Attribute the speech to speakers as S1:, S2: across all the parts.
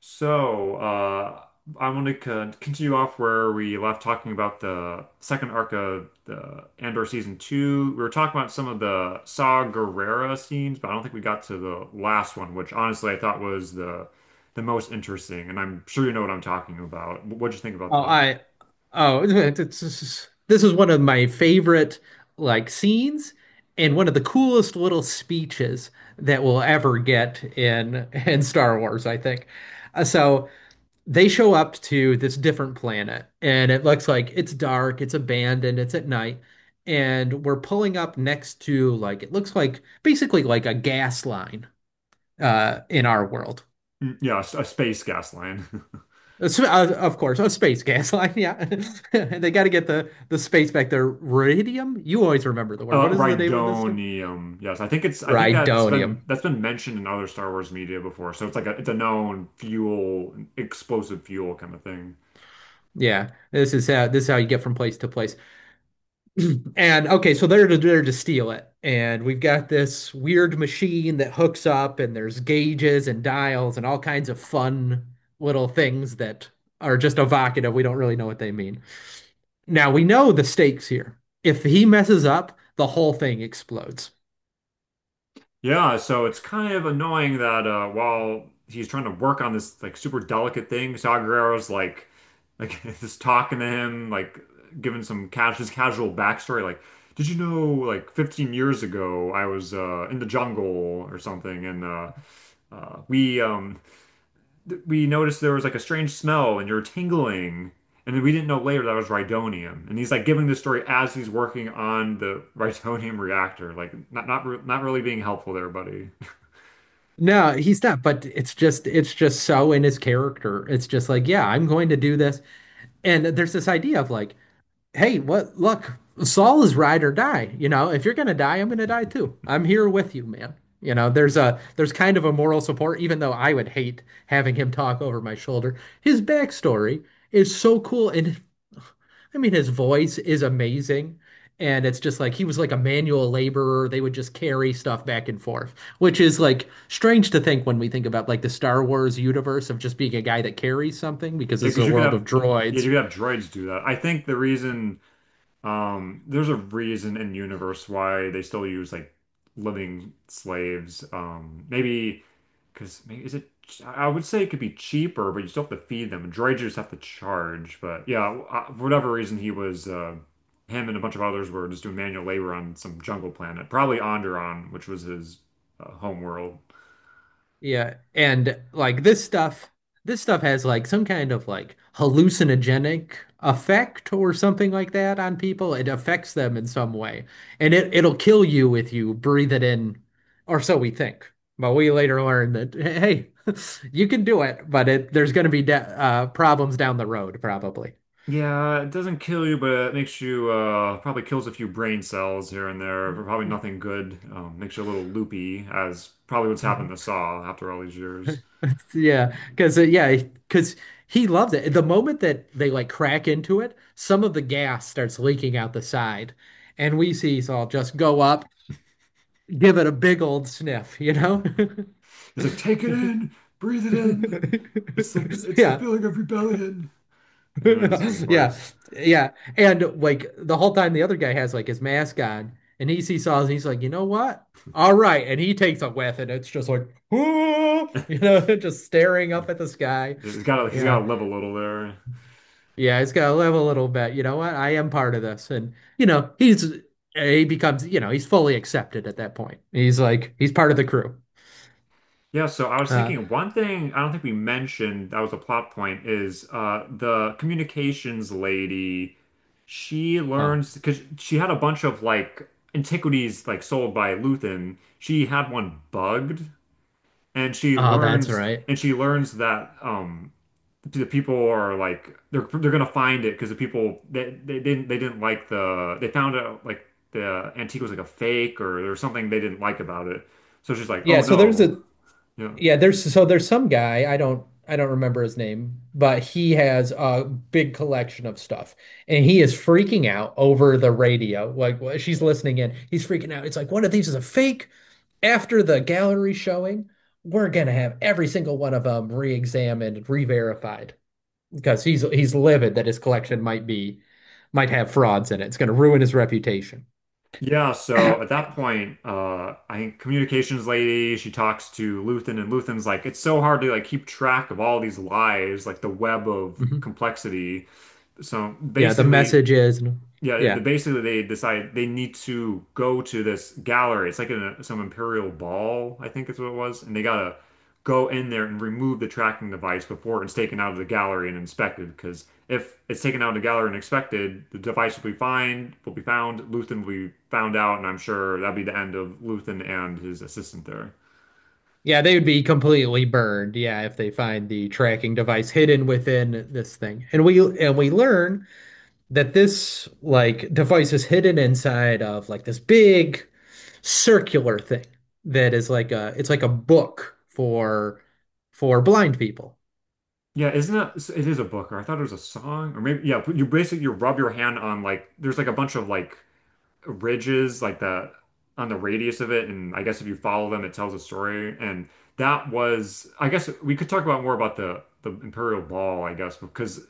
S1: So, uh, I want to continue off where we left talking about the second arc of the Andor season two. We were talking about some of the Saw Gerrera scenes, but I don't think we got to the last one, which honestly I thought was the most interesting. And I'm sure you know what I'm talking about. What'd you think about
S2: Oh,
S1: that?
S2: I oh, this is one of my favorite like scenes and one of the coolest little speeches that we'll ever get in in Star Wars, I think. So they show up to this different planet and it looks like it's dark, it's abandoned, it's at night, and we're pulling up next to like it looks like basically like a gas line in our world.
S1: Mm, yeah, a space gas line.
S2: Of course, a space gas line. Yeah, and they got to get the space back there. Radium. You always remember the word. What is the name of this stuff?
S1: Rhydonium. Yes, I think it's. I think
S2: Rhydonium.
S1: that's been mentioned in other Star Wars media before. So it's like a it's a known fuel, explosive fuel kind of thing.
S2: Yeah, this is how you get from place to place. And okay, so they're to steal it, and we've got this weird machine that hooks up, and there's gauges and dials and all kinds of fun little things that are just evocative. We don't really know what they mean. Now we know the stakes here. If he messes up, the whole thing explodes.
S1: Yeah, so it's kind of annoying that while he's trying to work on this like super delicate thing, Saw Gerrera's like just talking to him, like giving some cash his casual backstory, like, did you know like 15 years ago I was in the jungle or something, and uh, we um we noticed there was like a strange smell and you're tingling, and then we didn't know later that was Rhydonium, and he's like giving the story as he's working on the Rhydonium reactor, like not really being helpful there, buddy.
S2: No, he's not, but it's just so in his character. It's just like, yeah, I'm going to do this. And there's this idea of like, hey, what? Look, Saul is ride or die. You know, if you're gonna die, I'm gonna die too. I'm here with you, man. You know, there's kind of a moral support, even though I would hate having him talk over my shoulder. His backstory is so cool, and I mean, his voice is amazing. And it's just like he was like a manual laborer. They would just carry stuff back and forth, which is like strange to think when we think about like the Star Wars universe of just being a guy that carries something because
S1: Yeah,
S2: this is
S1: because
S2: a world of droids.
S1: you could have droids do that. I think the reason there's a reason in universe why they still use like living slaves. Maybe because maybe is it I would say it could be cheaper, but you still have to feed them. Droids you just have to charge. But yeah, for whatever reason he was him and a bunch of others were just doing manual labor on some jungle planet, probably Onderon, which was his home world.
S2: Yeah, and like this stuff has like some kind of like hallucinogenic effect or something like that on people. It affects them in some way, and it'll kill you if you breathe it in, or so we think. But we later learn that hey, you can do it, but it there's going to be de problems down the road probably.
S1: Yeah, it doesn't kill you, but it makes you probably kills a few brain cells here and there, but probably nothing good. Makes you a little loopy, as probably what's
S2: Mm-hmm.
S1: happened to Saw after all these years.
S2: Yeah, because he loves it. The moment that they like crack into it, some of the gas starts leaking out the side, and we see Saul just go up, give it a big old sniff, you know?
S1: He's like, take it in, breathe it in. It's like it's the
S2: Yeah.
S1: feeling of rebellion. Like, his
S2: Yeah.
S1: voice.
S2: Yeah. And like the whole time the other guy has like his mask on and he sees Saul and he's like, you know what? All right. And he takes a whiff and it's just like, you know, just staring up at the sky.
S1: He's got to
S2: Yeah.
S1: live a little there.
S2: Yeah, he's got to live a little bit. You know what? I am part of this. And, you know, he becomes, you know, he's fully accepted at that point. He's like, he's part of the crew.
S1: Yeah, so I was
S2: Uh,
S1: thinking one thing I don't think we mentioned that was a plot point is the communications lady. She
S2: oh,
S1: learns because she had a bunch of like antiquities like sold by Luthen. She had one bugged, and
S2: oh, that's right.
S1: she learns that the people are like they're gonna find it because the people that they didn't like they found out like the antique was like a fake or there was something they didn't like about it. So she's like,
S2: Yeah.
S1: oh
S2: So there's
S1: no,
S2: a,
S1: yeah.
S2: yeah, there's so there's some guy, I don't remember his name, but he has a big collection of stuff and he is freaking out over the radio. Like she's listening in, he's freaking out. It's like one of these is a fake. After the gallery showing, we're gonna have every single one of them re-examined re-verified because he's livid that his collection might have frauds in it. It's gonna ruin his reputation.
S1: Yeah, so at that point, I think communications lady, she talks to Luthen, and Luthen's like, it's so hard to like keep track of all these lives, like the web of
S2: Mhm.
S1: complexity. So
S2: Yeah, the
S1: basically,
S2: message is yeah.
S1: basically they decide they need to go to this gallery. It's like in a, some imperial ball, I think is what it was, and they gotta go in there and remove the tracking device before it's taken out of the gallery and inspected. Because if it's taken out of the gallery and inspected, the device will be found, Luthen will be found out, and I'm sure that'll be the end of Luthen and his assistant there.
S2: Yeah, they would be completely burned, yeah, if they find the tracking device hidden within this thing. And we learn that this like device is hidden inside of like this big circular thing that is like a it's like a book for blind people.
S1: Yeah, isn't it? It is a book, or I thought it was a song, or maybe yeah. You rub your hand on like there's like a bunch of like ridges like the on the radius of it and I guess if you follow them it tells a story and that was I guess we could talk about more about the Imperial Ball I guess because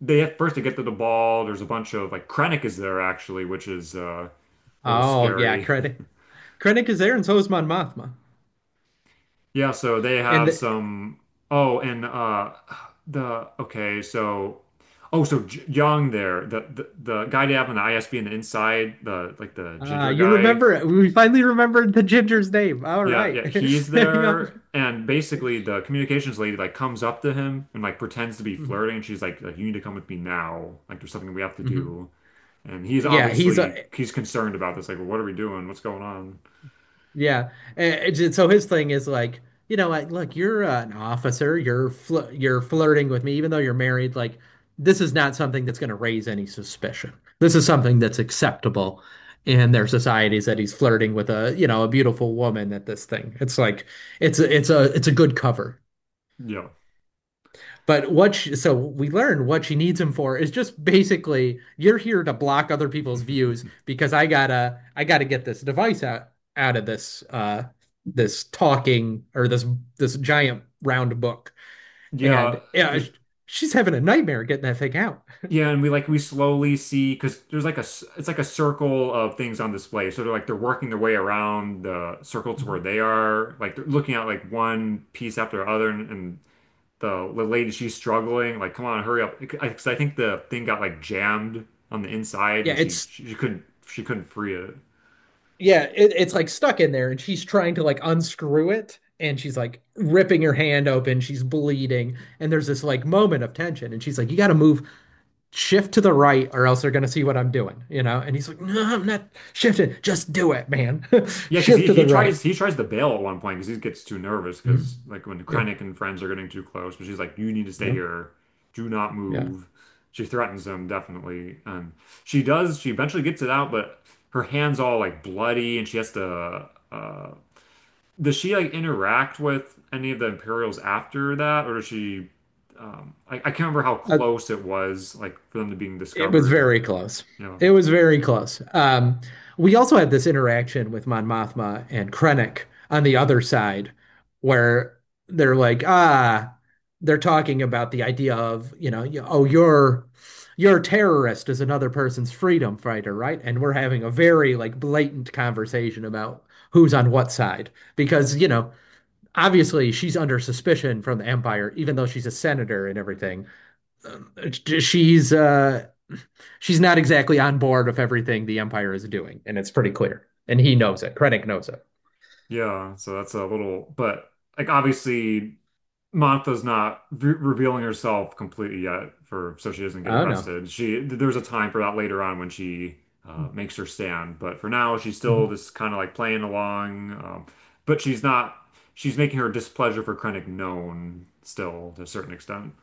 S1: they have first to get to the ball there's a bunch of like Krennic is there actually which is a little
S2: Oh yeah,
S1: scary.
S2: Krennic is there and so is Mon Mothma.
S1: Yeah, so they
S2: And
S1: have
S2: the,
S1: some oh and the okay so oh so J Young there the guy they have on the ISB in the inside the like the ginger
S2: you
S1: guy.
S2: remember it. We finally remembered the ginger's name. All
S1: Yeah,
S2: right.
S1: yeah, he's
S2: Yeah.
S1: there, and basically the communications lady like comes up to him and like pretends to be
S2: Mhm.
S1: flirting, and she's like, "You need to come with me now. Like, there's something we have to
S2: Mhm.
S1: do." And he's
S2: Yeah, he's a
S1: obviously he's concerned about this. Like, well, what are we doing? What's going on?
S2: yeah. And it's so his thing is like, you know, like, look, you're an officer. You're fl you're flirting with me, even though you're married. Like, this is not something that's going to raise any suspicion. This is something that's acceptable in their societies that he's flirting with a, you know, a beautiful woman at this thing. It's like, it's a good cover.
S1: Yeah,
S2: But what she, so we learned what she needs him for is just basically you're here to block other people's views because I gotta get this device out out of this this talking or this giant round book
S1: yeah,
S2: and yeah,
S1: because
S2: she's having a nightmare getting that thing out.
S1: yeah, and we slowly see because there's like it's like a circle of things on display. So they're like they're working their way around the circle to where
S2: Mhm.
S1: they are. Like they're looking at like one piece after the other, and the lady, she's struggling, like come on hurry up because I think the thing got like jammed on the inside
S2: Yeah,
S1: and she couldn't free it.
S2: it's like stuck in there and she's trying to like unscrew it and she's like ripping her hand open, she's bleeding and there's this like moment of tension and she's like you gotta move shift to the right or else they're going to see what I'm doing, you know? And he's like, no, I'm not shifting. Just do it, man.
S1: Yeah, because
S2: Shift to the right.
S1: he tries to bail at one point because he gets too nervous because
S2: Mhm.
S1: like when
S2: Yeah.
S1: Krennic and friends are getting too close, but she's like, you need to stay
S2: Yeah.
S1: here, do not
S2: Yeah.
S1: move. She threatens him definitely, and she eventually gets it out, but her hands all like bloody, and she has to does she like interact with any of the Imperials after that, or does she? I can't remember how
S2: Uh,
S1: close it was, like for them to being
S2: It was
S1: discovered.
S2: very close.
S1: Yeah,
S2: It was very close. We also had this interaction with Mon Mothma and Krennic on the other side, where they're like, ah, they're talking about the idea of, you know, you're a terrorist is another person's freedom fighter, right? And we're having a very like blatant conversation about who's on what side because, you know, obviously she's under suspicion from the Empire, even though she's a senator and everything. She's she's not exactly on board with everything the Empire is doing, and it's pretty clear. And he knows it. Krennic knows it.
S1: yeah. So that's a little, but like obviously, Mantha's not re revealing herself completely yet, for so she doesn't get
S2: Oh no.
S1: arrested. She There's a time for that later on when she makes her stand, but for now she's still
S2: Mm-hmm.
S1: just kind of like playing along. But she's not. She's making her displeasure for Krennic known still to a certain extent.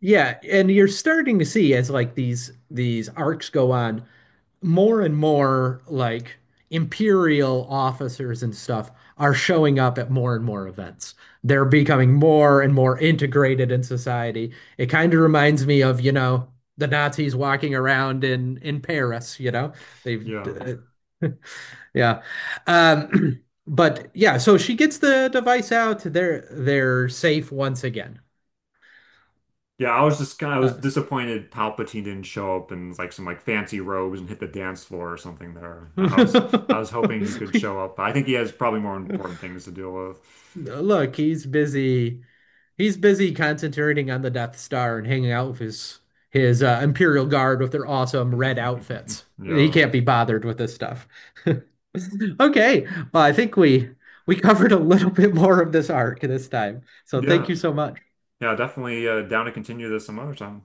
S2: Yeah, and you're starting to see as like these arcs go on, more and more like imperial officers and stuff are showing up at more and more events. They're becoming more and more integrated in society. It kind of reminds me of, you know, the Nazis walking around in Paris, you know. They've
S1: Yeah.
S2: yeah. Um but yeah, so she gets the device out. They're safe once again.
S1: Yeah, I was just kind of, I was
S2: Uh,
S1: disappointed Palpatine didn't show up in like some like fancy robes and hit the dance floor or something there. I was, I was hoping he could show up. I think he has probably more important things to deal with.
S2: look, he's busy. He's busy concentrating on the Death Star and hanging out with his Imperial Guard with their awesome red outfits. He
S1: Yeah.
S2: can't be bothered with this stuff. Okay, well, I think we covered a little bit more of this arc this time. So thank
S1: Yeah.
S2: you so much.
S1: Yeah, definitely down to continue this some other time.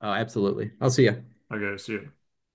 S2: Oh, absolutely. I'll see you.
S1: Okay, see you.